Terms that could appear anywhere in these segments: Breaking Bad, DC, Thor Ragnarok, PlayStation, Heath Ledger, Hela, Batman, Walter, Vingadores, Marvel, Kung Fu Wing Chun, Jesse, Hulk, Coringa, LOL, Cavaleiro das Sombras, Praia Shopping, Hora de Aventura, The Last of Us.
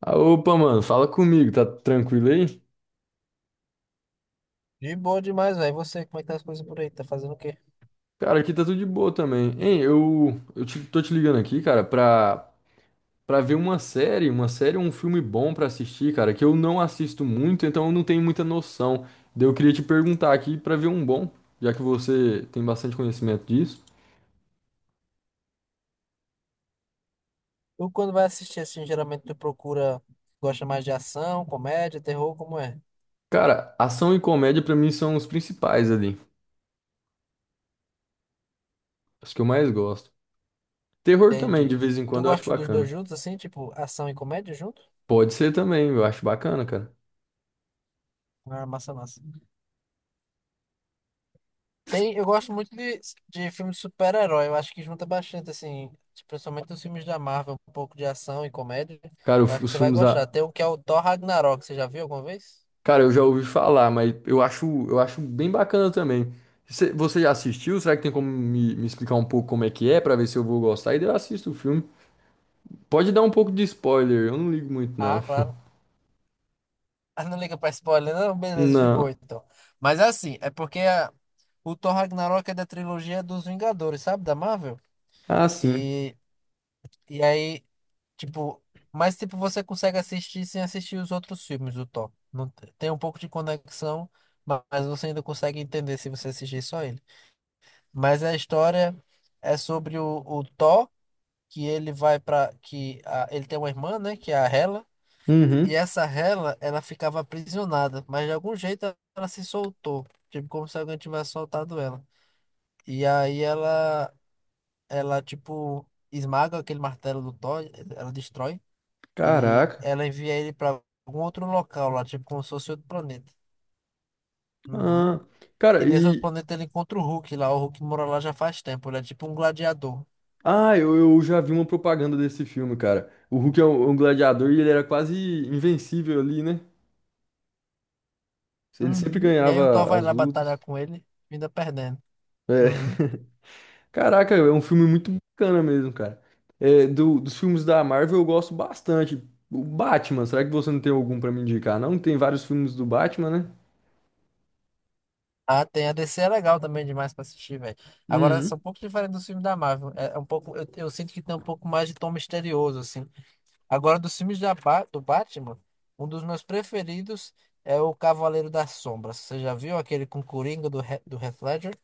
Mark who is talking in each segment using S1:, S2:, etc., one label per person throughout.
S1: Ah, opa, mano, fala comigo, tá tranquilo aí?
S2: De boa demais, velho. E você, como é que tá as coisas por aí? Tá fazendo o quê?
S1: Cara, aqui tá tudo de boa também. Hein, tô te ligando aqui, cara, pra ver uma série ou um filme bom pra assistir, cara, que eu não assisto muito, então eu não tenho muita noção. Daí eu queria te perguntar aqui pra ver um bom, já que você tem bastante conhecimento disso.
S2: Tu, quando vai assistir, assim, geralmente tu procura... Gosta mais de ação, comédia, terror, como é?
S1: Cara, ação e comédia pra mim são os principais ali, os que eu mais gosto. Terror também, de
S2: Entendi.
S1: vez em
S2: Tu
S1: quando, eu acho
S2: gosta dos dois
S1: bacana.
S2: juntos, assim? Tipo, ação e comédia junto?
S1: Pode ser também, eu acho bacana, cara.
S2: Ah, massa, massa. Tem, eu gosto muito de filme de super-herói. Eu acho que junta bastante, assim... Principalmente os filmes da Marvel. Um pouco de ação e comédia.
S1: Cara,
S2: Eu acho que
S1: os
S2: você vai
S1: filmes.
S2: gostar.
S1: A
S2: Tem um que é o Thor Ragnarok. Você já viu alguma vez?
S1: cara, eu já ouvi falar, mas eu acho bem bacana também. Você já assistiu? Será que tem como me explicar um pouco como é que é, pra ver se eu vou gostar? E daí eu assisto o filme. Pode dar um pouco de spoiler, eu não ligo muito, não.
S2: Ah, claro. Ah, não liga pra spoiler, não? Beleza, de boa,
S1: Não.
S2: então. Mas é assim, é porque o Thor Ragnarok é da trilogia dos Vingadores, sabe? Da Marvel.
S1: Ah, sim.
S2: E, e aí, tipo... Mas, tipo, você consegue assistir sem assistir os outros filmes do Thor. Não, tem um pouco de conexão, mas você ainda consegue entender se você assistir só ele. Mas a história é sobre o Thor, que ele vai pra... Que ele tem uma irmã, né? Que é a Hela. E
S1: Uhum.
S2: essa rela, ela ficava aprisionada, mas de algum jeito ela se soltou, tipo como se alguém tivesse soltado ela. E aí ela tipo esmaga aquele martelo do Thor, ela destrói e
S1: Caraca.
S2: ela envia ele para algum outro local lá, tipo como se fosse outro planeta. Uhum.
S1: Ah, cara,
S2: E nesse outro
S1: e.
S2: planeta ele encontra o Hulk lá, o Hulk mora lá já faz tempo, ele é tipo um gladiador.
S1: Ah, eu já vi uma propaganda desse filme, cara. O Hulk é um, um gladiador e ele era quase invencível ali, né? Ele sempre
S2: Uhum. E aí o Thor
S1: ganhava
S2: vai
S1: as
S2: lá
S1: lutas.
S2: batalhar com ele, ainda perdendo.
S1: É.
S2: Uhum.
S1: Caraca, é um filme muito bacana mesmo, cara. É, dos filmes da Marvel eu gosto bastante. O Batman, será que você não tem algum pra me indicar? Não, tem vários filmes do Batman, né?
S2: Ah, tem. A DC é legal também demais pra assistir, velho. Agora, são
S1: Uhum.
S2: um pouco diferente dos filmes da Marvel. É um pouco, eu sinto que tem um pouco mais de tom misterioso, assim. Agora, dos filmes do Batman, um dos meus preferidos é o Cavaleiro das Sombras. Você já viu aquele com o Coringa do Heath Ledger?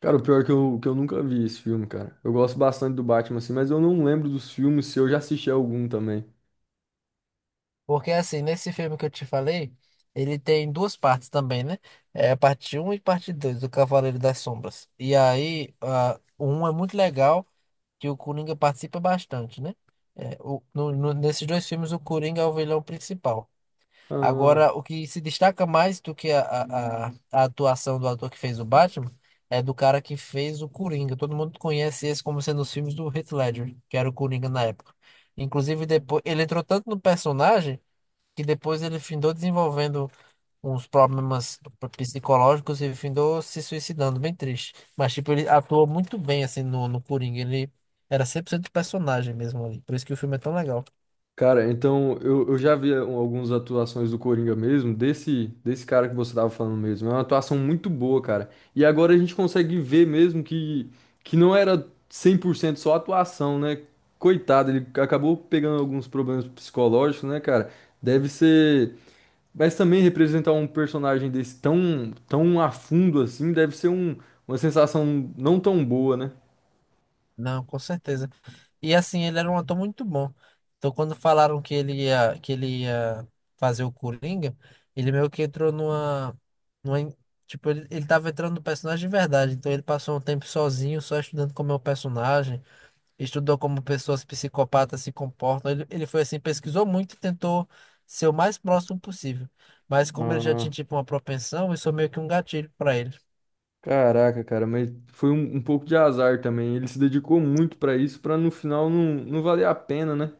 S1: Cara, o pior é que eu nunca vi esse filme, cara. Eu gosto bastante do Batman, assim, mas eu não lembro dos filmes se eu já assisti algum também.
S2: Porque, assim, nesse filme que eu te falei, ele tem duas partes também, né? É a parte um e parte 2 do Cavaleiro das Sombras. E aí, ah, o 1 é muito legal. Que o Coringa participa bastante, né? É, nesses dois filmes, o Coringa é o vilão principal.
S1: Ah.
S2: Agora, o que se destaca mais do que a atuação do ator que fez o Batman é do cara que fez o Coringa. Todo mundo conhece esse como sendo os filmes do Heath Ledger, que era o Coringa na época. Inclusive, depois ele entrou tanto no personagem que depois ele findou desenvolvendo uns problemas psicológicos e findou se suicidando, bem triste. Mas, tipo, ele atuou muito bem, assim, no Coringa. Ele era 100% personagem mesmo ali. Por isso que o filme é tão legal.
S1: Cara, então eu já vi um- algumas atuações do Coringa mesmo, desse cara que você tava falando mesmo. É uma atuação muito boa, cara. E agora a gente consegue ver mesmo que não era 100% só atuação, né? Coitado, ele acabou pegando alguns problemas psicológicos, né, cara? Deve ser. Mas também representar um personagem desse tão, tão a fundo assim, deve ser um, uma sensação não tão boa, né?
S2: Não, com certeza. E, assim, ele era um ator muito bom. Então, quando falaram que ele ia fazer o Coringa, ele meio que entrou numa en- tipo, ele tava entrando no personagem de verdade. Então, ele passou um tempo sozinho, só estudando como é o personagem. Estudou como pessoas psicopatas se comportam. Ele foi assim, pesquisou muito e tentou ser o mais próximo possível. Mas como ele já tinha tipo uma propensão, isso é meio que um gatilho pra ele.
S1: Caraca, cara, mas foi um, um pouco de azar também. Ele se dedicou muito pra isso, pra no final não valer a pena, né?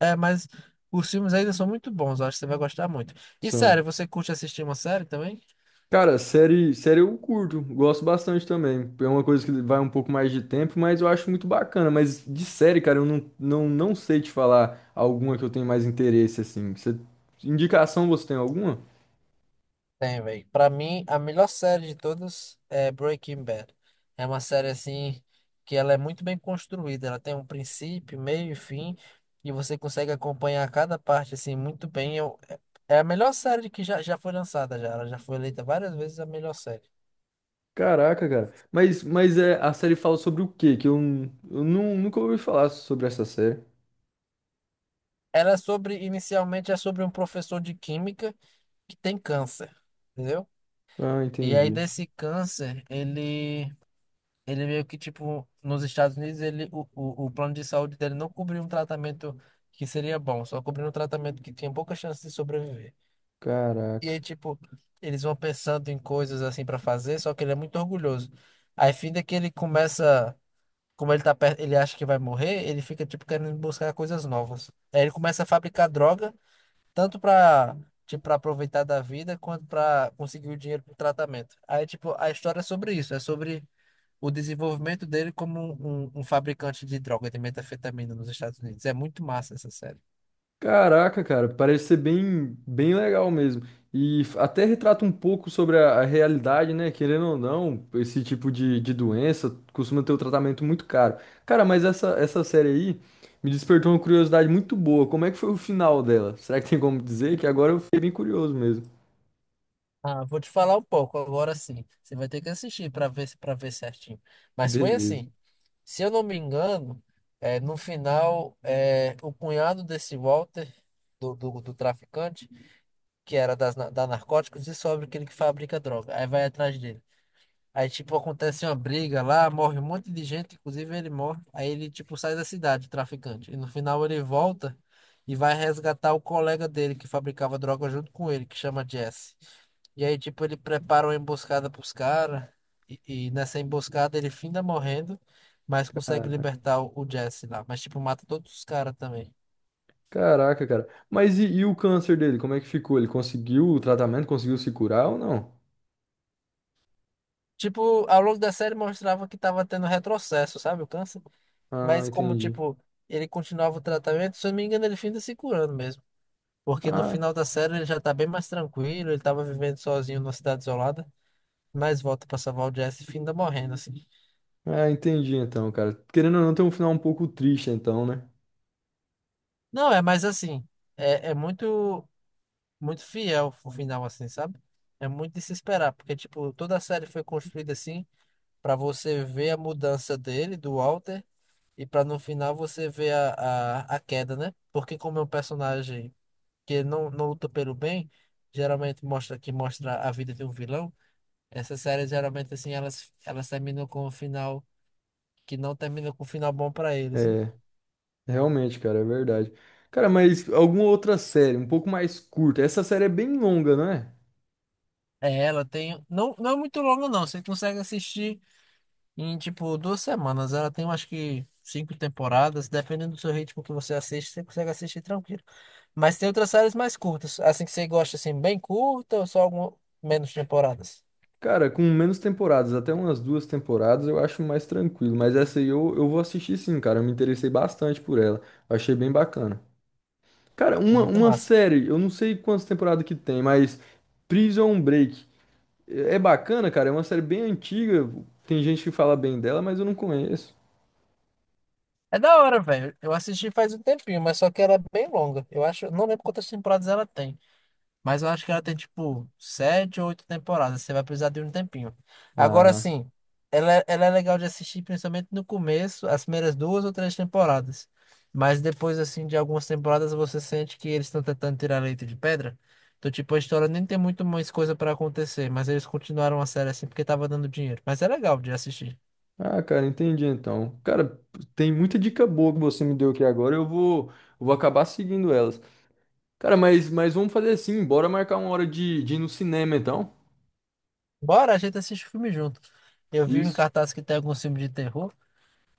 S2: É, mas os filmes ainda são muito bons, eu acho que você vai gostar muito. E
S1: São.
S2: sério, você curte assistir uma série também?
S1: Cara, série, série eu curto, gosto bastante também. É uma coisa que vai um pouco mais de tempo, mas eu acho muito bacana. Mas de série, cara, eu não, não, não sei te falar alguma que eu tenho mais interesse, assim. Você- indicação você tem alguma?
S2: Tem, velho. Pra mim, a melhor série de todas é Breaking Bad. É uma série assim que ela é muito bem construída. Ela tem um princípio, meio e fim, e você consegue acompanhar cada parte assim muito bem. Eu, é é a melhor série que já foi lançada já. Ela já foi eleita várias vezes a melhor série.
S1: Caraca, cara. Mas é, a série fala sobre o quê? Que nunca ouvi falar sobre essa série.
S2: Ela é sobre, inicialmente, é sobre um professor de química que tem câncer, entendeu?
S1: Ah,
S2: E aí
S1: entendi.
S2: desse câncer, ele meio que, tipo, nos Estados Unidos, o plano de saúde dele não cobria um tratamento que seria bom, só cobria um tratamento que tinha pouca chance de sobreviver. E aí,
S1: Caraca.
S2: tipo, eles vão pensando em coisas assim pra fazer, só que ele é muito orgulhoso. Aí, fim é que ele começa, como ele tá perto, ele acha que vai morrer, ele fica, tipo, querendo buscar coisas novas. Aí ele começa a fabricar droga, tanto pra, tipo, pra aproveitar da vida, quanto pra conseguir o dinheiro pro tratamento. Aí, tipo, a história é sobre isso, é sobre o desenvolvimento dele como um fabricante de droga, de metanfetamina nos Estados Unidos. É muito massa essa série.
S1: Caraca, cara, parece ser bem, bem legal mesmo. E f- até retrata um pouco sobre a realidade, né? Querendo ou não, esse tipo de doença costuma ter um tratamento muito caro. Cara, mas essa série aí me despertou uma curiosidade muito boa. Como é que foi o final dela? Será que tem como dizer? Que agora eu fiquei bem curioso mesmo.
S2: Ah, vou te falar um pouco agora sim. Você vai ter que assistir para ver certinho. Mas foi
S1: Beleza.
S2: assim, se eu não me engano, é, no final, é, o cunhado desse Walter, do traficante, que era da Narcóticos, descobre que ele que fabrica droga. Aí vai atrás dele. Aí, tipo, acontece uma briga lá, morre um monte de gente, inclusive ele morre. Aí ele, tipo, sai da cidade, o traficante. E no final ele volta e vai resgatar o colega dele que fabricava droga junto com ele, que chama Jesse. E aí, tipo, ele prepara uma emboscada pros caras. E nessa emboscada ele finda morrendo, mas consegue
S1: Cara-
S2: libertar o Jesse lá. Mas, tipo, mata todos os caras também.
S1: Caraca, cara. Mas e o câncer dele? Como é que ficou? Ele conseguiu o tratamento? Conseguiu se curar ou não?
S2: Tipo, ao longo da série mostrava que tava tendo retrocesso, sabe? O câncer.
S1: Ah,
S2: Mas como,
S1: entendi.
S2: tipo, ele continuava o tratamento, se eu não me engano, ele finda se curando mesmo. Porque no
S1: Ah.
S2: final da série ele já tá bem mais tranquilo, ele tava vivendo sozinho numa cidade isolada, mas volta pra salvar o Jesse e finda morrendo, assim.
S1: Ah, entendi então, cara. Querendo ou não, tem um final um pouco triste então, né?
S2: Não, é, mas assim, é, muito, muito fiel o final, assim, sabe? É muito de se esperar, porque, tipo, toda a série foi construída assim, pra você ver a mudança dele, do Walter, e pra no final você ver a queda, né? Porque como é um personagem que não luta pelo bem, geralmente mostra a vida de um vilão. Essas séries geralmente assim elas terminam com um final que não termina com um final bom pra eles, né?
S1: É, realmente, cara, é verdade. Cara, mas alguma outra série, um pouco mais curta. Essa série é bem longa, não é?
S2: É, ela tem não é muito longa não, você consegue assistir em tipo 2 semanas. Ela tem acho que cinco temporadas, dependendo do seu ritmo que você assiste, você consegue assistir tranquilo. Mas tem outras séries mais curtas, assim que você gosta assim bem curta ou só algum menos temporadas.
S1: Cara, com menos temporadas, até umas duas temporadas, eu acho mais tranquilo. Mas essa aí eu vou assistir sim, cara. Eu me interessei bastante por ela. Eu achei bem bacana. Cara,
S2: É muito
S1: uma
S2: massa.
S1: série, eu não sei quantas temporadas que tem, mas Prison Break. É bacana, cara. É uma série bem antiga. Tem gente que fala bem dela, mas eu não conheço.
S2: É da hora, velho. Eu assisti faz um tempinho, mas só que ela é bem longa. Eu acho, eu não lembro quantas temporadas ela tem, mas eu acho que ela tem tipo sete ou oito temporadas. Você vai precisar de um tempinho. Agora
S1: Ah.
S2: sim, ela é legal de assistir, principalmente no começo, as primeiras duas ou três temporadas. Mas depois, assim, de algumas temporadas, você sente que eles estão tentando tirar leite de pedra. Então, tipo, a história nem tem muito mais coisa pra acontecer, mas eles continuaram a série assim porque tava dando dinheiro. Mas é legal de assistir.
S1: Ah, cara, entendi então. Cara, tem muita dica boa que você me deu aqui agora. Eu vou acabar seguindo elas. Cara, mas vamos fazer assim, bora marcar uma hora de ir no cinema então.
S2: Bora, a gente assiste o filme junto. Eu vi em
S1: Isso.
S2: cartaz que tem alguns filmes de terror,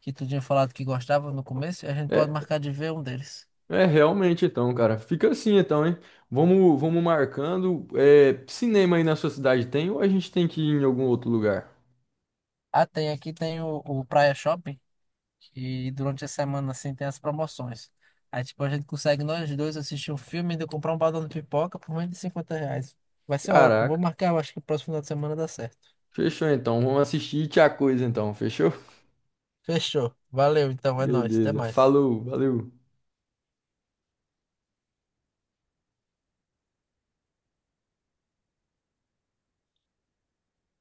S2: que tu tinha falado que gostava no começo, e a gente pode
S1: É,
S2: marcar de ver um deles.
S1: é realmente então, cara. Fica assim então, hein? Vamos marcando. É, cinema aí na sua cidade tem ou a gente tem que ir em algum outro lugar?
S2: Ah, tem aqui tem o Praia Shopping, que durante a semana assim tem as promoções. Aí tipo, a gente consegue nós dois assistir um filme e ainda comprar um balão de pipoca por menos de R$ 50. Vai ser ótimo, vou
S1: Caraca.
S2: marcar, eu acho que o próximo final de semana dá certo.
S1: Fechou então. Vamos assistir Tia Coisa então, fechou?
S2: Fechou, valeu então, é nóis, até
S1: Beleza.
S2: mais.
S1: Falou, valeu.